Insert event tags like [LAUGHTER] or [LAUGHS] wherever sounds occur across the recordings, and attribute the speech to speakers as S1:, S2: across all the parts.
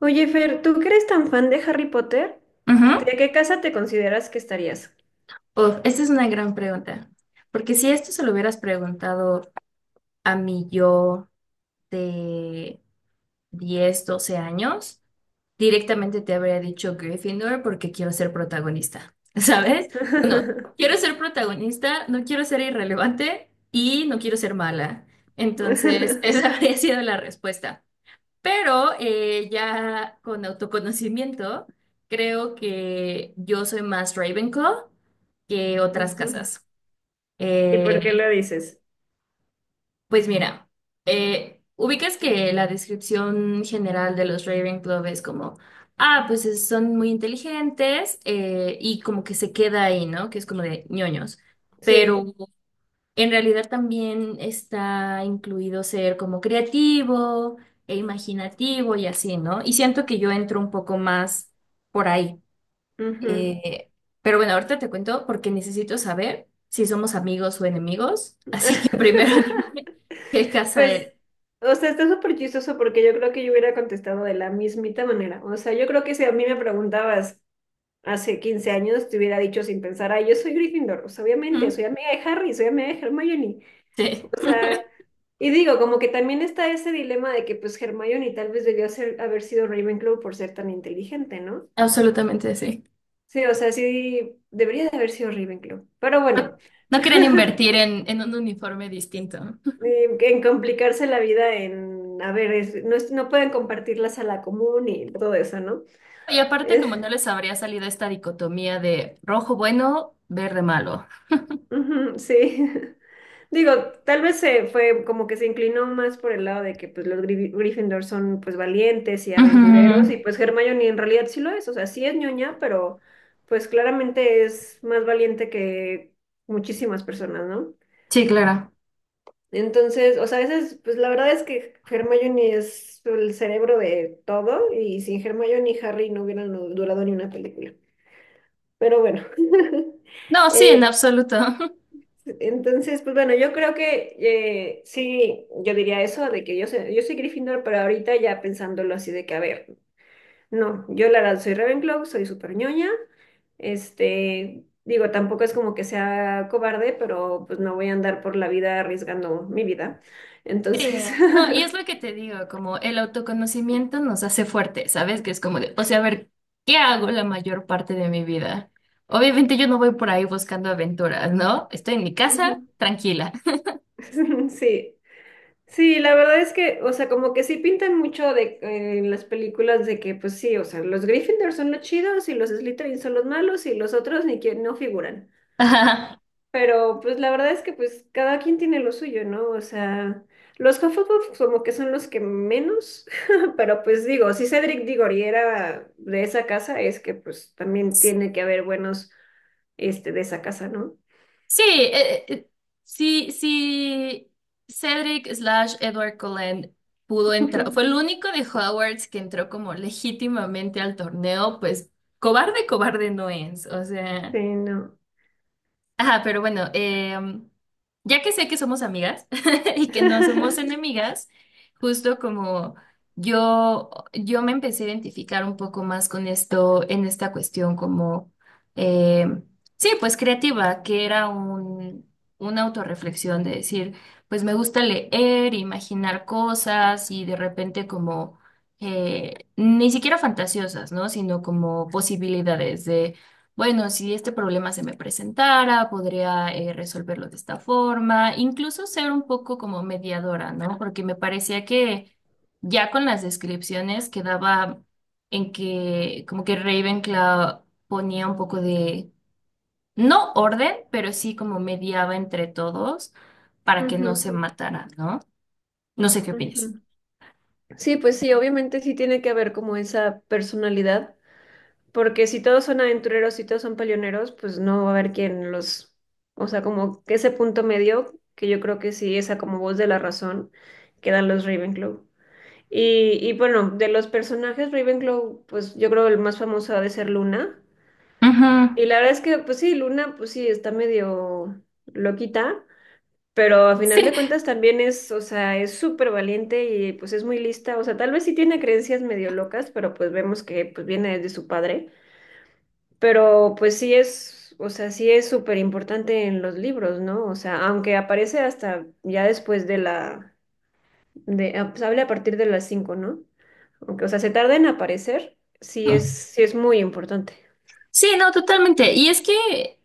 S1: Oye, Fer, ¿tú que eres tan fan de Harry Potter?
S2: Ujú.
S1: ¿De qué casa te consideras que estarías?
S2: Uf, esta es una gran pregunta, porque si esto se lo hubieras preguntado a mi yo de 10 12 años, directamente te habría dicho Gryffindor porque quiero ser protagonista, [LAUGHS] ¿sabes? Bueno, quiero
S1: [LAUGHS]
S2: ser protagonista, no quiero ser irrelevante y no quiero ser mala. Entonces, [LAUGHS] esa habría sido la respuesta. Pero ya con autoconocimiento, creo que yo soy más Ravenclaw que otras
S1: Ujú.
S2: casas.
S1: ¿Y por qué lo
S2: Eh,
S1: dices?
S2: pues mira, ubicas que la descripción general de los Ravenclaw es como, ah, pues son muy inteligentes y como que se queda ahí, ¿no? Que es como de ñoños. Pero
S1: Sí.
S2: sí. En realidad también está incluido ser como creativo e imaginativo y así, ¿no? Y siento que yo entro un poco más por ahí.
S1: Ujú.
S2: Eh, pero bueno, ahorita te cuento porque necesito saber si somos amigos o enemigos. [LAUGHS] Así que primero [LAUGHS] dime
S1: [LAUGHS]
S2: qué casa
S1: Pues,
S2: eres.
S1: o sea, está súper chistoso porque yo creo que yo hubiera contestado de la mismita manera. O sea, yo creo que si a mí me preguntabas hace 15 años, te hubiera dicho sin pensar, ay, yo soy Gryffindor. O sea,
S2: Ujú,
S1: obviamente, soy amiga de Harry, soy amiga de Hermione. O
S2: sí,
S1: sea, y digo, como que también está ese dilema de que pues Hermione tal vez haber sido Ravenclaw por ser tan inteligente, ¿no?
S2: [LAUGHS] absolutamente sí.
S1: Sí, o sea, sí debería de haber sido Ravenclaw. Pero bueno.
S2: No
S1: [LAUGHS]
S2: quieren invertir en un uniforme distinto, ¿no? [LAUGHS]
S1: En complicarse la vida en, a ver, no pueden compartir la sala común y todo eso, ¿no?
S2: Y aparte, como no
S1: [LAUGHS]
S2: les habría salido esta dicotomía de rojo bueno, verde malo.
S1: Ujú, sí. [LAUGHS] Digo, tal vez se fue como que se inclinó más por el lado de que pues los Gryffindor son pues valientes y
S2: Ujú.
S1: aventureros y pues Hermione en realidad sí lo es, o sea, sí es ñoña, pero pues claramente es más valiente que muchísimas personas, ¿no?
S2: Sí, claro.
S1: Entonces, o sea, a veces pues la verdad es que Hermione es el cerebro de todo y sin Hermione y Harry no hubieran durado ni una película. Pero bueno. [LAUGHS]
S2: No, sí, en
S1: Eh,
S2: absoluto. [LAUGHS]
S1: Entonces, pues bueno, yo creo que sí, yo diría eso, de que yo soy Gryffindor, pero ahorita ya pensándolo así de que, a ver, no, yo la verdad soy Ravenclaw, soy súper ñoña, este, digo, tampoco es como que sea cobarde, pero pues no voy a andar por la vida arriesgando mi vida.
S2: Sí,
S1: Entonces,
S2: no, y es lo que
S1: [LAUGHS]
S2: te digo, como el autoconocimiento nos hace fuertes, ¿sabes? Que es como de, o sea, a ver, ¿qué hago la mayor parte de mi vida? Obviamente yo no voy por ahí buscando aventuras, ¿no? Estoy en mi casa,
S1: ujú,
S2: tranquila.
S1: [LAUGHS] sí. Sí, la verdad es que, o sea, como que sí pintan mucho de, en las películas de que, pues sí, o sea, los Gryffindor son los chidos y los Slytherin son los malos y los otros ni quien no figuran.
S2: [LAUGHS] Ajá.
S1: Pero pues la verdad es que pues cada quien tiene lo suyo, ¿no? O sea, los Hufflepuff como que son los que menos, [LAUGHS] pero pues digo, si Cedric Diggory era de esa casa, es que pues también tiene que haber buenos, este, de esa casa, ¿no?
S2: Sí, sí, sí, Cedric slash Edward Cullen pudo entrar, fue el
S1: [LAUGHS]
S2: único de Hogwarts que entró como legítimamente al torneo, pues cobarde, cobarde no es, o sea.
S1: Sí, no.
S2: Ajá, pero bueno, ya que sé que somos amigas [LAUGHS] y que no somos
S1: [LAUGHS]
S2: enemigas, justo como yo me empecé a identificar un poco más con esto, en esta cuestión como, em, sí, pues creativa, que era una autorreflexión de decir, pues me gusta leer, imaginar cosas y de repente como, ni siquiera fantasiosas, ¿no? Sino como posibilidades bueno, si este problema se me presentara, podría resolverlo de esta forma, incluso ser un poco como mediadora, ¿no? Porque me parecía que ya con las descripciones quedaba en que como que Ravenclaw ponía un poco de, no orden, pero sí como mediaba entre todos para que no
S1: Ujú,
S2: se matara, ¿no? No sé qué opinas.
S1: ujú. Sí, pues sí, obviamente sí tiene que haber como esa personalidad, porque si todos son aventureros, si todos son peleoneros, pues no va a haber quien los, o sea, como que ese punto medio, que yo creo que sí, esa como voz de la razón que dan los Ravenclaw. Y bueno, de los personajes Ravenclaw, pues yo creo el más famoso ha de ser Luna.
S2: Ujú.
S1: Y la verdad es que, pues sí, Luna, pues sí, está medio loquita, pero a
S2: Sí,
S1: final de cuentas también es, o sea, es súper valiente y pues es muy lista. O sea, tal vez sí tiene creencias medio locas, pero pues vemos que pues viene desde su padre. Pero pues sí es, o sea, sí es súper importante en los libros, ¿no? O sea, aunque aparece hasta ya después de la, de, ah, pues habla a partir de las 5, ¿no? Aunque, o sea, se tarda en aparecer, sí es muy importante.
S2: sí, no, totalmente. Y es que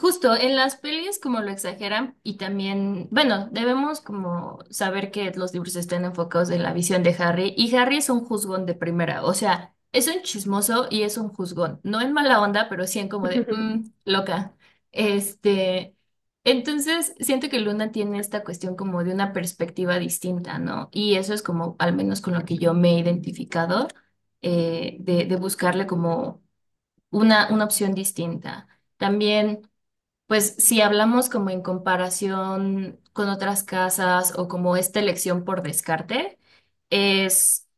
S2: justo en las pelis como lo exageran y también, bueno, debemos como saber que los libros están enfocados en la visión de Harry y Harry es un juzgón de primera, o sea, es un chismoso y es un juzgón, no en mala onda, pero sí en como de,
S1: [LAUGHS]
S2: "Mm, loca". Este, entonces siento que Luna tiene esta cuestión como de una perspectiva distinta, ¿no? Y eso es como, al menos con lo que yo me he identificado, de, buscarle como una opción distinta. También. Pues si hablamos como en comparación con otras casas o como esta elección por descarte, es,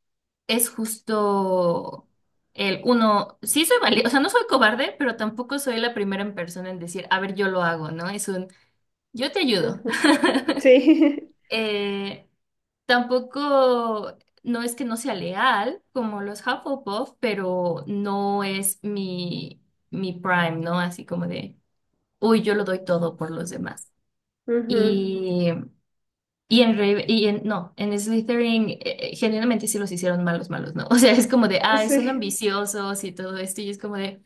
S2: es justo el uno, sí soy valiente, o sea, no soy cobarde, pero tampoco soy la primera en persona en decir, a ver, yo lo hago, ¿no? Yo te ayudo.
S1: Ujú.
S2: [LAUGHS]
S1: Sí.
S2: Eh, tampoco, no es que no sea leal como los Hufflepuff, pero no es mi prime, ¿no? Así como de, uy, yo lo doy todo por los demás.
S1: [LAUGHS] Ujú.
S2: Y, y en, no, en Slytherin genuinamente sí los hicieron malos, malos, ¿no? [LAUGHS] O sea, es como de, ay, son
S1: Sí.
S2: ambiciosos y todo esto, y es como de,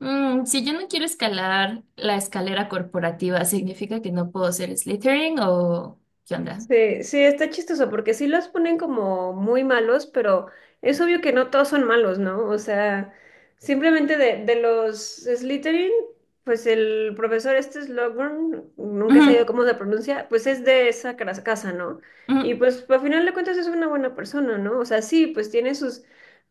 S2: "Mm, si yo no quiero escalar la escalera corporativa, ¿significa que no puedo ser Slytherin o qué onda?".
S1: Sí, sí, está chistoso porque sí los ponen como muy malos, pero es obvio que no todos son malos, ¿no? O sea, simplemente de los Slytherin, pues el profesor este Slughorn, nunca he
S2: Ujú,
S1: sabido cómo se pronuncia, pues es de esa casa, ¿no?
S2: ujú.
S1: Y pues al final de cuentas es una buena persona, ¿no? O sea, sí, pues tiene sus,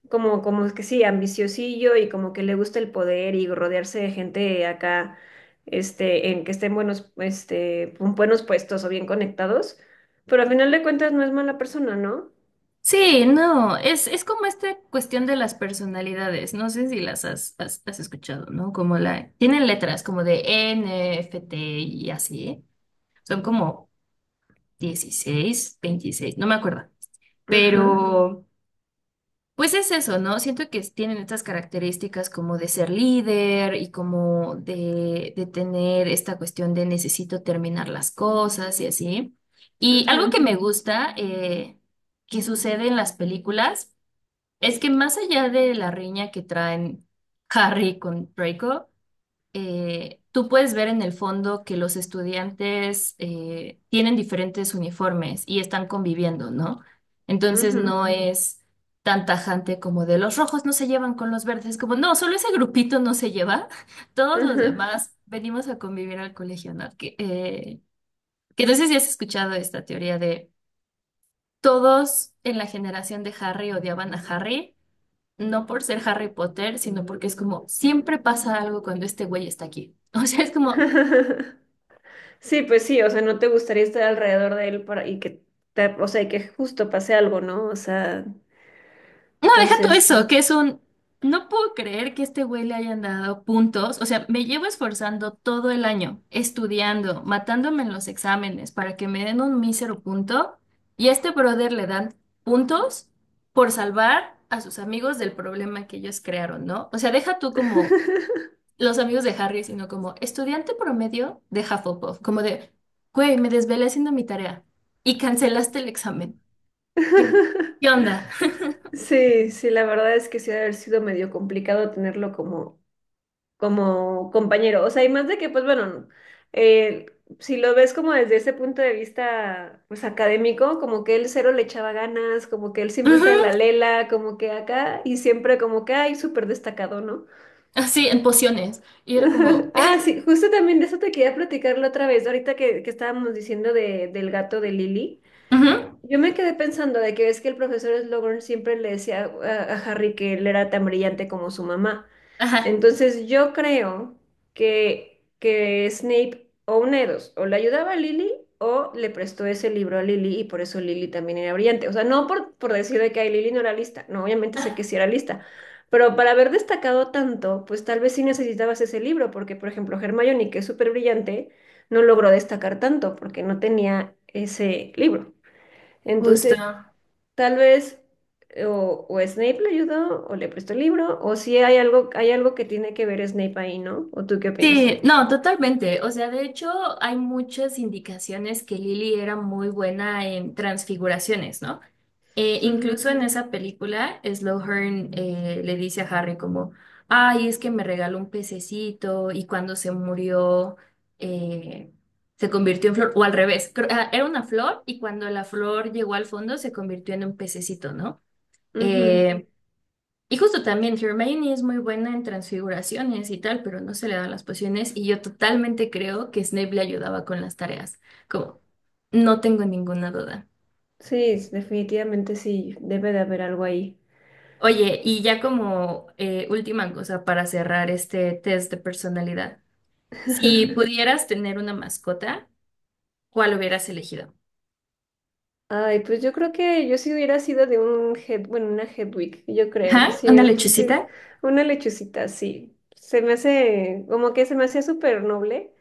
S1: como que sí, ambiciosillo y como que le gusta el poder y rodearse de gente acá, en que estén buenos, en buenos puestos o bien conectados. Pero al final de cuentas no es mala persona, ¿no?
S2: Sí, no, es como esta cuestión de las personalidades, no sé si las has escuchado, ¿no? Como tienen letras como de N, F, T y así, son como 16, 26, no me acuerdo.
S1: Ajá.
S2: Pero, pues es eso, ¿no? Siento que tienen estas características como de ser líder y como de tener esta cuestión de necesito terminar las cosas y así. Y algo que
S1: Ujú,
S2: me gusta que sucede en las películas es que más allá de la riña que traen Harry con Draco, tú puedes ver en el fondo que los estudiantes tienen diferentes uniformes y están conviviendo, ¿no? Entonces
S1: ujú,
S2: no es tan tajante como de los rojos no se llevan con los verdes, como no, solo ese grupito no se lleva, [LAUGHS] todos los
S1: ujú.
S2: demás venimos a convivir al colegio, ¿no? Que no sé si has escuchado esta teoría de todos en la generación de Harry odiaban a Harry. No por ser Harry Potter, sino porque es como siempre pasa algo cuando este güey está aquí. [LAUGHS] O sea, es como
S1: [LAUGHS] Sí, pues sí, o sea, no te gustaría estar alrededor de él para, y que o sea, y que justo pase algo, ¿no? O sea,
S2: no, deja todo
S1: entonces.
S2: eso, que es un. No puedo creer que este güey le hayan dado puntos. O sea, me llevo esforzando todo el año, estudiando, matándome en los exámenes para que me den un mísero punto. Y a este brother le dan puntos por salvar a sus amigos del problema que ellos crearon, ¿no? O sea, deja tú como
S1: [LAUGHS]
S2: los amigos de Harry, sino como estudiante promedio de Hufflepuff. Como de, güey, me desvelé haciendo mi tarea y cancelaste el examen. ¿Qué, qué onda?
S1: Sí, sí, la verdad es que sí ha de haber sido medio complicado tenerlo como compañero. O sea, y más de que, pues bueno, eh, si lo ves como desde ese punto de vista, pues académico, como que él cero le echaba ganas, como que él siempre está en la
S2: Ujú.
S1: lela, como que acá, y siempre como que, ay, súper destacado, ¿no?
S2: Sí, en pociones. Y era como,
S1: [LAUGHS] Ah, sí, justo también de eso te quería platicar la otra vez, ahorita que estábamos diciendo de, del gato de Lily.
S2: ujú,
S1: Yo me quedé pensando de que ves que el profesor Slughorn siempre le decía a Harry que él era tan brillante como su mamá.
S2: ajá,
S1: Entonces yo creo que Snape o una de dos, o le ayudaba a Lily o le prestó ese libro a Lily y por eso Lily también era brillante. O sea, no por decir de que ay, Lily no era lista, no, obviamente sé que sí era lista, pero para haber destacado tanto, pues tal vez sí necesitabas ese libro, porque por ejemplo Hermione, que es súper brillante, no logró destacar tanto porque no tenía ese libro.
S2: justo.
S1: Entonces, tal vez o Snape le ayudó o le prestó el libro o si hay algo, hay algo que tiene que ver Snape ahí, ¿no? ¿O tú qué opinas?
S2: Sí, no, totalmente. O sea, de hecho, hay muchas indicaciones que Lily era muy buena en transfiguraciones, ¿no? Incluso
S1: Ujú,
S2: en esa película, Slughorn le dice a Harry como, ay, es que me regaló un pececito y cuando se murió eh, se convirtió en flor, o al revés, era una flor y cuando la flor llegó al fondo se convirtió en un pececito, ¿no?
S1: ujú.
S2: Eh, Y justo también Hermione es muy buena en transfiguraciones y tal, pero no se le dan las pociones y yo totalmente creo que Snape le ayudaba con las tareas, como no tengo ninguna duda.
S1: Sí, definitivamente sí, debe de haber algo ahí.
S2: Oye, y ya como última cosa para cerrar este test de personalidad, si pudieras tener una mascota, ¿cuál hubieras elegido?
S1: Ay, pues yo creo que yo si hubiera sido de una Hedwig, yo creo,
S2: ¿Ah?
S1: sí,
S2: ¿Una
S1: sí,
S2: lechucita?
S1: una lechucita, sí. Como que se me hacía súper noble.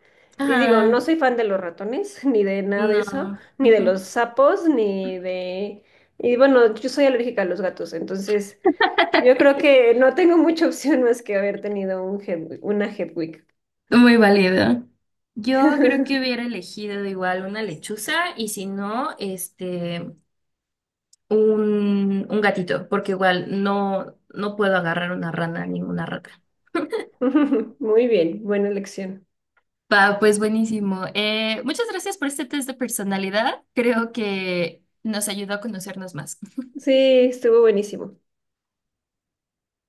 S1: Y digo, no
S2: Ah,
S1: soy fan de los ratones, [LAUGHS] ni de nada de eso,
S2: no.
S1: ni de los
S2: Ujú.
S1: sapos, ni de... Y bueno, yo soy alérgica a los gatos, entonces yo creo que no tengo mucha [LAUGHS] opción más que haber tenido un una Hedwig.
S2: Muy válido. Yo creo que
S1: [LAUGHS]
S2: hubiera elegido igual una lechuza y si no, un gatito, porque igual no, no puedo agarrar una rana ni una rata.
S1: Muy bien, buena elección.
S2: Va, pues buenísimo. Muchas gracias por este test de personalidad. Creo que nos ayudó a conocernos más.
S1: Sí, estuvo buenísimo.